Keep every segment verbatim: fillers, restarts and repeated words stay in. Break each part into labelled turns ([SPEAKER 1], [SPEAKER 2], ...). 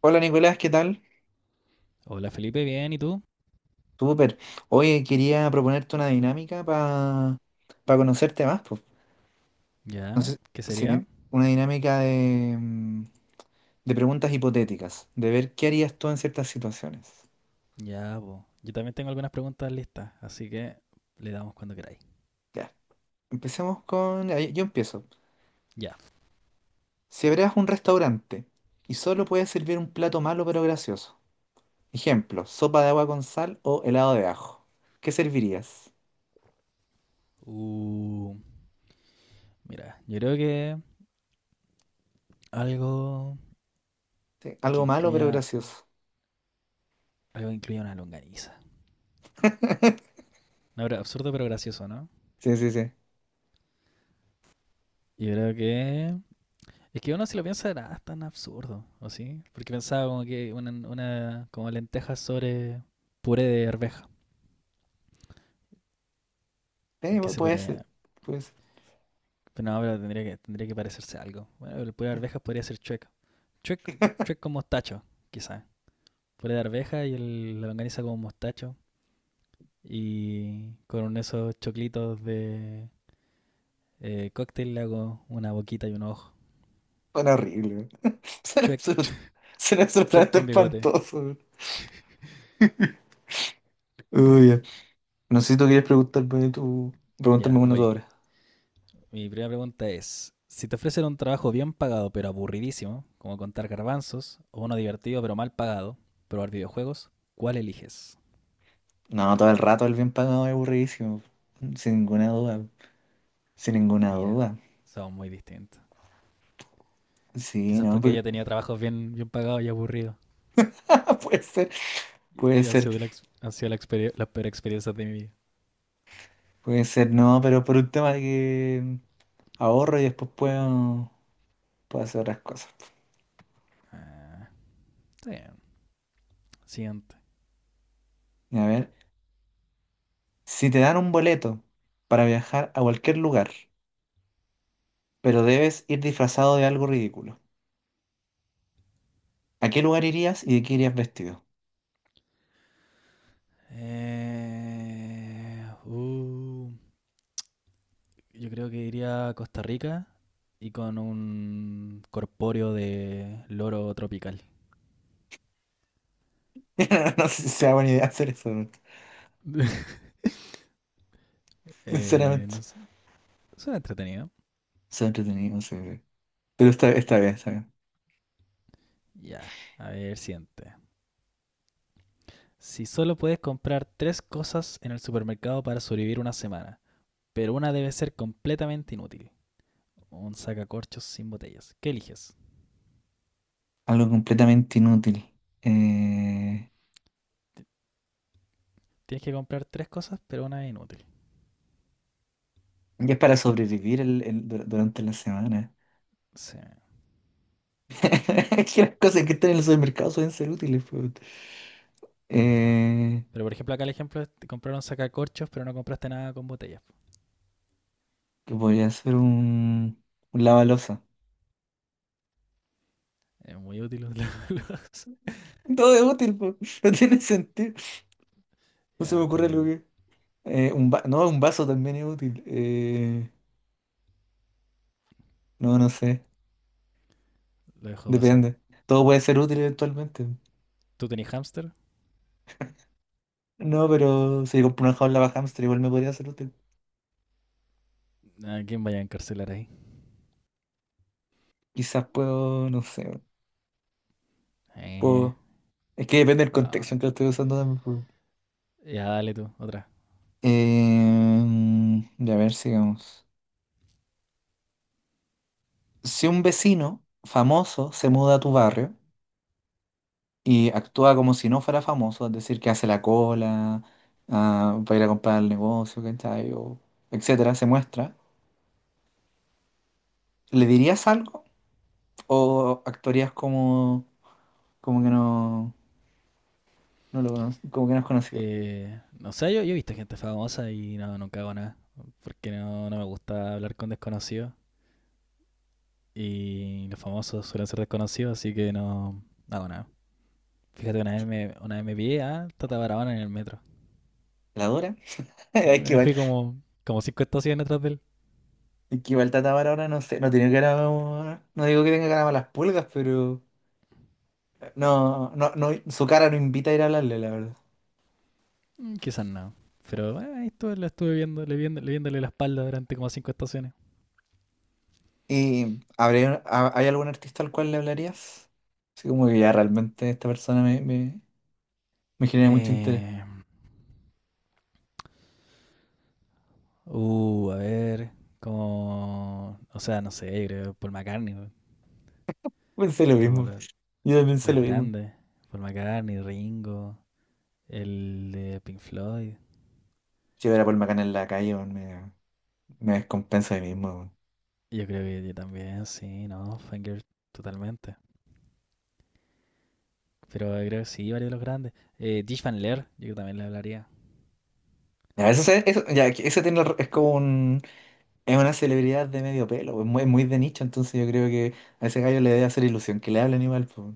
[SPEAKER 1] Hola Nicolás, ¿qué tal?
[SPEAKER 2] Hola Felipe, bien, ¿y tú?
[SPEAKER 1] Súper. Oye, quería proponerte una dinámica para conocerte más, pues.
[SPEAKER 2] Ya,
[SPEAKER 1] Entonces,
[SPEAKER 2] ¿qué
[SPEAKER 1] sé
[SPEAKER 2] sería?
[SPEAKER 1] si- una dinámica de, mm, de preguntas hipotéticas, de ver qué harías tú en ciertas situaciones.
[SPEAKER 2] Ya, po. Yo también tengo algunas preguntas listas, así que le damos cuando queráis.
[SPEAKER 1] Ya, empecemos. con... ahí- Yo empiezo.
[SPEAKER 2] Ya.
[SPEAKER 1] Si abrieras un restaurante y solo puedes servir un plato malo pero gracioso, ejemplo, sopa de agua con sal o helado de ajo, ¿qué servirías?
[SPEAKER 2] Uh, mira, yo creo que algo
[SPEAKER 1] Sí,
[SPEAKER 2] que
[SPEAKER 1] algo malo pero
[SPEAKER 2] incluya,
[SPEAKER 1] gracioso.
[SPEAKER 2] algo que incluya una longaniza. No, pero absurdo pero gracioso, ¿no?
[SPEAKER 1] Sí, sí, sí.
[SPEAKER 2] Yo creo que... Es que uno si lo piensa era ah, tan absurdo, ¿o sí? Porque pensaba como que una, una como lentejas sobre puré de arveja.
[SPEAKER 1] Eh,
[SPEAKER 2] ¿En qué se
[SPEAKER 1] puede ser,
[SPEAKER 2] podría...?
[SPEAKER 1] puede
[SPEAKER 2] Pero no, pero tendría que, tendría que parecerse a algo. Bueno, el puré de
[SPEAKER 1] ser.
[SPEAKER 2] arvejas podría ser chueca. Chuec, chuec con mostacho, quizás. Puré de arveja y el, la longaniza con mostacho. Y con esos choclitos de eh, cóctel le hago una boquita y un ojo.
[SPEAKER 1] Suena horrible. Suena
[SPEAKER 2] Chuec,
[SPEAKER 1] absoluto- suena
[SPEAKER 2] chuec
[SPEAKER 1] absolutamente
[SPEAKER 2] con bigote.
[SPEAKER 1] espantoso. Uy, ya. No sé si tú quieres preguntarme tú, preguntarme
[SPEAKER 2] Ya,
[SPEAKER 1] una tú
[SPEAKER 2] voy.
[SPEAKER 1] ahora.
[SPEAKER 2] Mi primera pregunta es, si te ofrecen un trabajo bien pagado pero aburridísimo, como contar garbanzos, o uno divertido pero mal pagado, probar videojuegos, ¿cuál eliges?
[SPEAKER 1] No, todo el rato el bien pagado es aburridísimo. Sin ninguna duda. Sin ninguna
[SPEAKER 2] Mira,
[SPEAKER 1] duda.
[SPEAKER 2] son muy distintos.
[SPEAKER 1] Sí,
[SPEAKER 2] Quizás
[SPEAKER 1] no,
[SPEAKER 2] porque
[SPEAKER 1] porque-
[SPEAKER 2] ella tenía trabajos bien, bien pagados y aburridos.
[SPEAKER 1] Puede ser,
[SPEAKER 2] Y,
[SPEAKER 1] puede
[SPEAKER 2] y ha
[SPEAKER 1] ser,
[SPEAKER 2] sido la, ex- ha sido la, experie- la peor experiencia de mi vida.
[SPEAKER 1] puede ser, no, pero por un tema de que mm, ahorro y después puedo, puedo hacer otras cosas.
[SPEAKER 2] Está Siguiente.
[SPEAKER 1] A ver, si te dan un boleto para viajar a cualquier lugar, pero debes ir disfrazado de algo ridículo, ¿a qué lugar irías y de qué irías vestido?
[SPEAKER 2] Eh, uh, yo creo que iría a Costa Rica y con un corpóreo de loro tropical.
[SPEAKER 1] No sé si sea buena idea hacer eso, ¿no?
[SPEAKER 2] Eh, no
[SPEAKER 1] Sinceramente.
[SPEAKER 2] sé, suena entretenido.
[SPEAKER 1] Son entretenido, sí. Pero está, está bien, está bien.
[SPEAKER 2] Ya, yeah. A ver, siguiente. Si solo puedes comprar tres cosas en el supermercado para sobrevivir una semana, pero una debe ser completamente inútil. Un sacacorchos sin botellas. ¿Qué eliges?
[SPEAKER 1] Algo completamente inútil. Eh,
[SPEAKER 2] Tienes que comprar tres cosas, pero una es inútil.
[SPEAKER 1] y es para sobrevivir el, el- dur- durante la semana.
[SPEAKER 2] Sí,
[SPEAKER 1] Es que las cosas que están en el supermercado suelen ser útiles, pues.
[SPEAKER 2] es verdad.
[SPEAKER 1] Eh,
[SPEAKER 2] Pero por ejemplo, acá el ejemplo es te compraron sacacorchos, pero no compraste nada con botellas.
[SPEAKER 1] que podría ser un, un lavaloza.
[SPEAKER 2] Es muy útil. Los-
[SPEAKER 1] Todo es útil, pues. No tiene sentido. No se
[SPEAKER 2] Ya,
[SPEAKER 1] me
[SPEAKER 2] está
[SPEAKER 1] ocurre algo
[SPEAKER 2] bien.
[SPEAKER 1] que... eh, un va- no, Un vaso también es útil. Eh, no, no sé.
[SPEAKER 2] Lo dejo pasar.
[SPEAKER 1] Depende. Todo puede ser útil eventualmente.
[SPEAKER 2] ¿Tú tenés hámster?
[SPEAKER 1] No, pero si compro una jaula para hámster igual me podría ser útil.
[SPEAKER 2] ¿A quién vaya a encarcelar ahí?
[SPEAKER 1] Quizás puedo, no sé,
[SPEAKER 2] Eh,
[SPEAKER 1] puedo. Es que depende del contexto en
[SPEAKER 2] no.
[SPEAKER 1] que lo estoy usando también, po.
[SPEAKER 2] Ya, dale tú, otra.
[SPEAKER 1] Eh, ya, a ver, sigamos. Si un vecino famoso se muda a tu barrio y actúa como si no fuera famoso, es decir, que hace la cola ah, para ir a comprar al negocio, ¿cachai? O etcétera, se muestra, ¿le dirías algo o actuarías como, como que no? No lo conozco, como que no es conocido.
[SPEAKER 2] Eh, no sé, yo, yo he visto gente famosa y no, nunca hago nada. Porque no, no me gusta hablar con desconocidos. Y los famosos suelen ser desconocidos, así que no no hago nada. Fíjate, una vez me, una vez me pillé a Tata Barahona en el metro.
[SPEAKER 1] ¿La Dora?
[SPEAKER 2] Sí,
[SPEAKER 1] Es que
[SPEAKER 2] me
[SPEAKER 1] igual,
[SPEAKER 2] fui como, como cinco estaciones atrás de él.
[SPEAKER 1] es que igual Tatamar ahora no sé, no tiene cara. No digo que tenga cara a las pulgas, pero. eh, No, no, no, su cara no invita a ir a hablarle, la verdad.
[SPEAKER 2] Mm, quizás no. Pero eh, ahí estuve, lo estuve viendo, le viendo, le viéndole la espalda durante como cinco estaciones.
[SPEAKER 1] ¿Y habría- ha- hay algún artista al cual le hablarías? Así como que ya realmente esta persona me, me, me genera mucho interés.
[SPEAKER 2] Eh, uh, a ver, como, o sea, no sé, creo, Paul McCartney, weón.
[SPEAKER 1] Pensé lo
[SPEAKER 2] como
[SPEAKER 1] mismo.
[SPEAKER 2] lo-
[SPEAKER 1] Yo también pensé
[SPEAKER 2] los
[SPEAKER 1] lo mismo.
[SPEAKER 2] grandes. Paul McCartney, Ringo, el de Pink Floyd.
[SPEAKER 1] Si hubiera Paul Macana en la calle, weón, me, me descompenso de mí mismo, weón.
[SPEAKER 2] Yo creo que yo también, sí, no, Fangirl, totalmente. Pero creo que sí, varios de los grandes. Eh, Dish Van Leer, yo también le hablaría.
[SPEAKER 1] Ya, eso, se- eso, ya, que ese tiene, es como un. Es una celebridad de medio pelo, es muy, muy de nicho, entonces yo creo que a ese gallo le debe hacer ilusión que le hablen igual, po.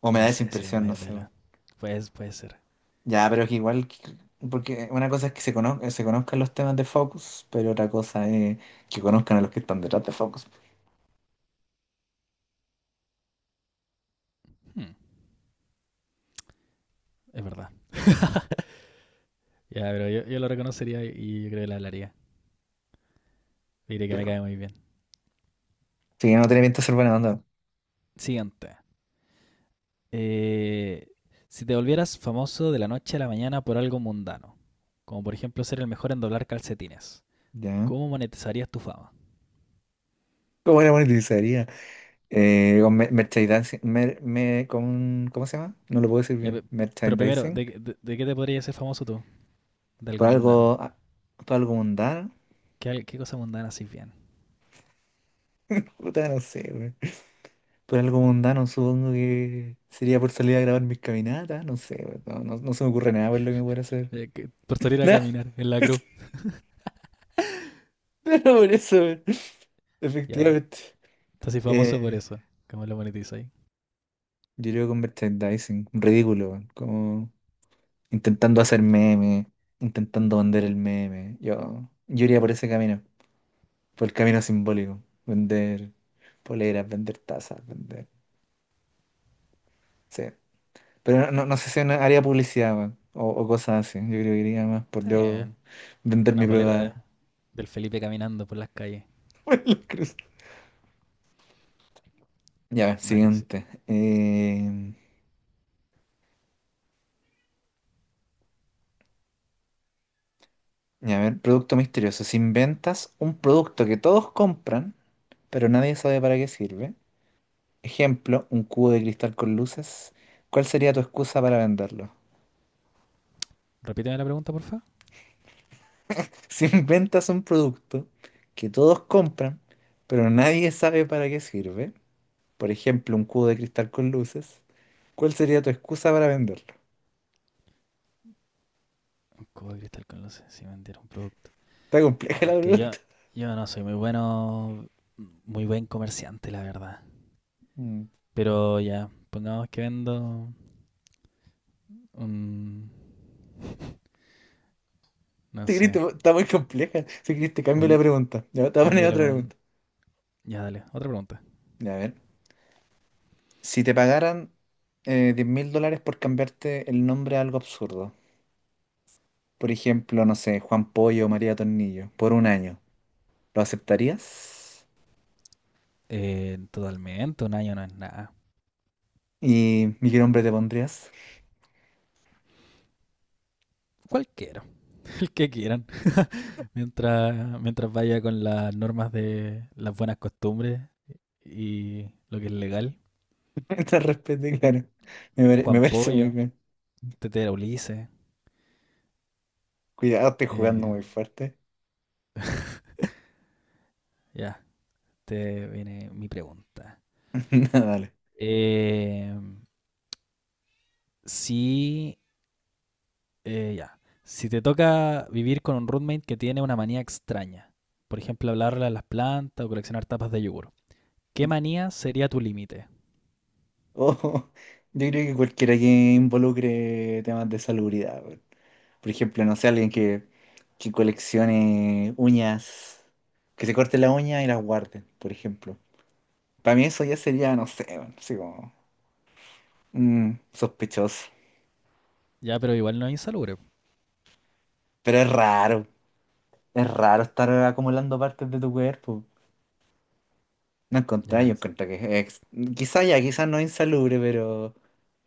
[SPEAKER 1] O me
[SPEAKER 2] No
[SPEAKER 1] da esa
[SPEAKER 2] sé si es
[SPEAKER 1] impresión, no
[SPEAKER 2] medio
[SPEAKER 1] sé, po.
[SPEAKER 2] pela. Pues, puede ser.
[SPEAKER 1] Ya, pero es que igual, que- porque una cosa es que se conozcan, se conozcan los temas de Focus, pero otra cosa es que conozcan a los que están detrás de Focus.
[SPEAKER 2] Hmm, es verdad. Ya, pero yo, yo lo reconocería y yo creo que la hablaría. Le diré que me
[SPEAKER 1] Pero
[SPEAKER 2] cae muy bien.
[SPEAKER 1] sí, no tiene pinta de ser buena onda,
[SPEAKER 2] Siguiente. Eh, si te volvieras famoso de la noche a la mañana por algo mundano, como por ejemplo ser el mejor en doblar calcetines,
[SPEAKER 1] ¿ya?
[SPEAKER 2] ¿cómo monetizarías tu fama?
[SPEAKER 1] ¿Cómo la monetizaría? Eh, con mer- merchandising, mer- me- con, ¿cómo se llama? No lo puedo decir
[SPEAKER 2] Ya,
[SPEAKER 1] bien.
[SPEAKER 2] pe- pero primero,
[SPEAKER 1] Merchandising,
[SPEAKER 2] ¿de, de, de qué te podrías ser famoso tú? De algo
[SPEAKER 1] por
[SPEAKER 2] mundano.
[SPEAKER 1] algo, ah, por algo mundano.
[SPEAKER 2] ¿Qué, al- ¿qué cosa mundana haces bien?
[SPEAKER 1] Puta, no sé, güey. Por algo mundano, supongo que sería por salir a grabar mis caminatas, no sé, weón, no, no, no se me ocurre nada por lo que pueda hacer.
[SPEAKER 2] Eh, que- por salir a
[SPEAKER 1] Nada,
[SPEAKER 2] caminar en la cruz.
[SPEAKER 1] por eso, weón,
[SPEAKER 2] Ya,
[SPEAKER 1] efectivamente.
[SPEAKER 2] estás así famoso por
[SPEAKER 1] Eh,
[SPEAKER 2] eso. ¿Cómo lo monetizáis?
[SPEAKER 1] yo creo con merchandising, ridículo, weón, como intentando hacer meme, intentando vender el meme. Yo, yo iría por ese camino, por el camino simbólico, vender poleras, vender tazas, vender. Sí. Pero no, no no sé si en área publicidad, weón, O, o cosas así. Yo creo que iría más por
[SPEAKER 2] Está
[SPEAKER 1] yo
[SPEAKER 2] bien.
[SPEAKER 1] vender
[SPEAKER 2] Una
[SPEAKER 1] mi
[SPEAKER 2] polera de-
[SPEAKER 1] prueba.
[SPEAKER 2] del Felipe caminando por las calles.
[SPEAKER 1] Por la cruz. Ya,
[SPEAKER 2] Dale, sí.
[SPEAKER 1] siguiente. Eh, ya, a ver, producto misterioso. Si inventas un producto que todos compran, pero nadie sabe para qué sirve. Ejemplo, un cubo de cristal con luces. ¿Cuál sería tu excusa para venderlo?
[SPEAKER 2] Repíteme la pregunta, porfa.
[SPEAKER 1] Si inventas un producto que todos compran, pero nadie sabe para qué sirve. Por ejemplo, un cubo de cristal con luces, ¿cuál sería tu excusa para venderlo?
[SPEAKER 2] Un cubo de cristal con luces, si vendiera un producto.
[SPEAKER 1] Está compleja
[SPEAKER 2] Oh,
[SPEAKER 1] la
[SPEAKER 2] es que yo,
[SPEAKER 1] pregunta.
[SPEAKER 2] yo no soy muy bueno, muy buen comerciante, la verdad.
[SPEAKER 1] Mm.
[SPEAKER 2] Pero ya, pongamos que vendo un, no
[SPEAKER 1] Si querés,
[SPEAKER 2] sé,
[SPEAKER 1] te- está muy compleja. Si querés, te cambio
[SPEAKER 2] un,
[SPEAKER 1] la
[SPEAKER 2] hie-
[SPEAKER 1] pregunta. Ya, te voy a
[SPEAKER 2] un
[SPEAKER 1] poner
[SPEAKER 2] hielo
[SPEAKER 1] otra
[SPEAKER 2] con...
[SPEAKER 1] pregunta.
[SPEAKER 2] Ya, dale, otra pregunta.
[SPEAKER 1] Ya, a ver, si te pagaran eh, diez mil dólares por cambiarte el nombre a algo absurdo, por ejemplo, no sé, Juan Pollo o María Tornillo, por un año, ¿lo aceptarías?
[SPEAKER 2] Eh, totalmente, un año no es nada.
[SPEAKER 1] ¿Y mi qué nombre te pondrías?
[SPEAKER 2] Cualquiera, el que quieran. Mientras, mientras vaya con las normas de las buenas costumbres y lo que es legal.
[SPEAKER 1] Te respeto, claro. Me, pare- me
[SPEAKER 2] Juan
[SPEAKER 1] parece muy
[SPEAKER 2] Pollo,
[SPEAKER 1] bien.
[SPEAKER 2] Tetera Ulises.
[SPEAKER 1] Cuidado, estoy jugando
[SPEAKER 2] eh,
[SPEAKER 1] muy fuerte.
[SPEAKER 2] ya, te viene mi pregunta.
[SPEAKER 1] Dale.
[SPEAKER 2] Eh, si, eh, ya, si te toca vivir con un roommate que tiene una manía extraña, por ejemplo, hablarle a las plantas o coleccionar tapas de yogur, ¿qué manía sería tu límite?
[SPEAKER 1] Oh, yo creo que cualquiera que involucre temas de salubridad, weón. Por ejemplo, no sé, alguien que, que coleccione uñas, que se corte la uña y las guarde, por ejemplo. Para mí eso ya sería, no sé, weón, así como mm, sospechoso.
[SPEAKER 2] Ya, pero igual no es insalubre.
[SPEAKER 1] Pero es raro, es raro estar acumulando partes de tu cuerpo. No encontré, yo
[SPEAKER 2] Ya,
[SPEAKER 1] encontré que es, quizá ya, quizás no es insalubre, pero,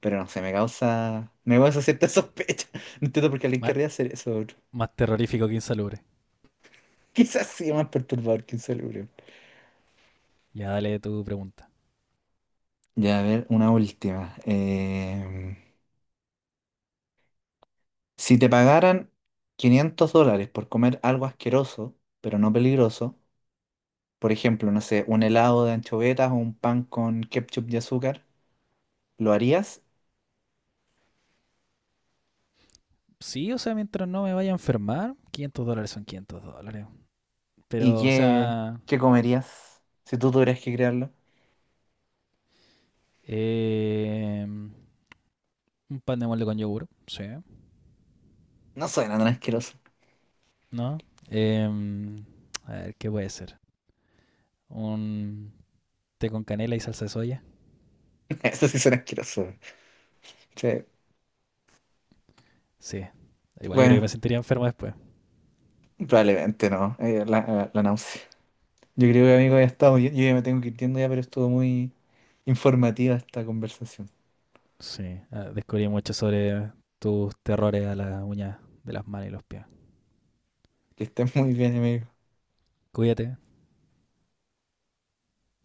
[SPEAKER 1] pero no sé, me causa, me causa cierta sospecha. No entiendo por qué alguien
[SPEAKER 2] más,
[SPEAKER 1] querría hacer eso.
[SPEAKER 2] más terrorífico que insalubre.
[SPEAKER 1] Quizás sí más perturbador que un.
[SPEAKER 2] Ya, dale tu pregunta.
[SPEAKER 1] Ya, a ver, una última. Em, si te pagaran quinientos dólares por comer algo asqueroso, pero no peligroso, por ejemplo, no sé, un helado de anchovetas o un pan con ketchup y azúcar, ¿lo harías?
[SPEAKER 2] Sí, o sea, mientras no me vaya a enfermar, quinientos dólares son quinientos dólares.
[SPEAKER 1] ¿Y
[SPEAKER 2] Pero, o
[SPEAKER 1] qué,
[SPEAKER 2] sea...
[SPEAKER 1] qué comerías si tú tuvieras que crearlo?
[SPEAKER 2] Eh, un pan de molde con yogur, sí.
[SPEAKER 1] No suena tan asqueroso.
[SPEAKER 2] ¿No? Eh, a ver, ¿qué puede ser? Un té con canela y salsa de soya.
[SPEAKER 1] Eso sí suena asqueroso. Sí,
[SPEAKER 2] Sí. Igual yo creo que
[SPEAKER 1] bueno,
[SPEAKER 2] me sentiría enfermo después.
[SPEAKER 1] probablemente no. eh, la, la, náusea. Yo creo que, amigo, ya estamos. Yo, yo ya me tengo que ir yendo ya, pero estuvo muy informativa esta conversación.
[SPEAKER 2] Sí. Ah, descubrí mucho sobre tus terrores a la uña de las manos y los pies.
[SPEAKER 1] Que estén muy bien, amigo.
[SPEAKER 2] Cuídate,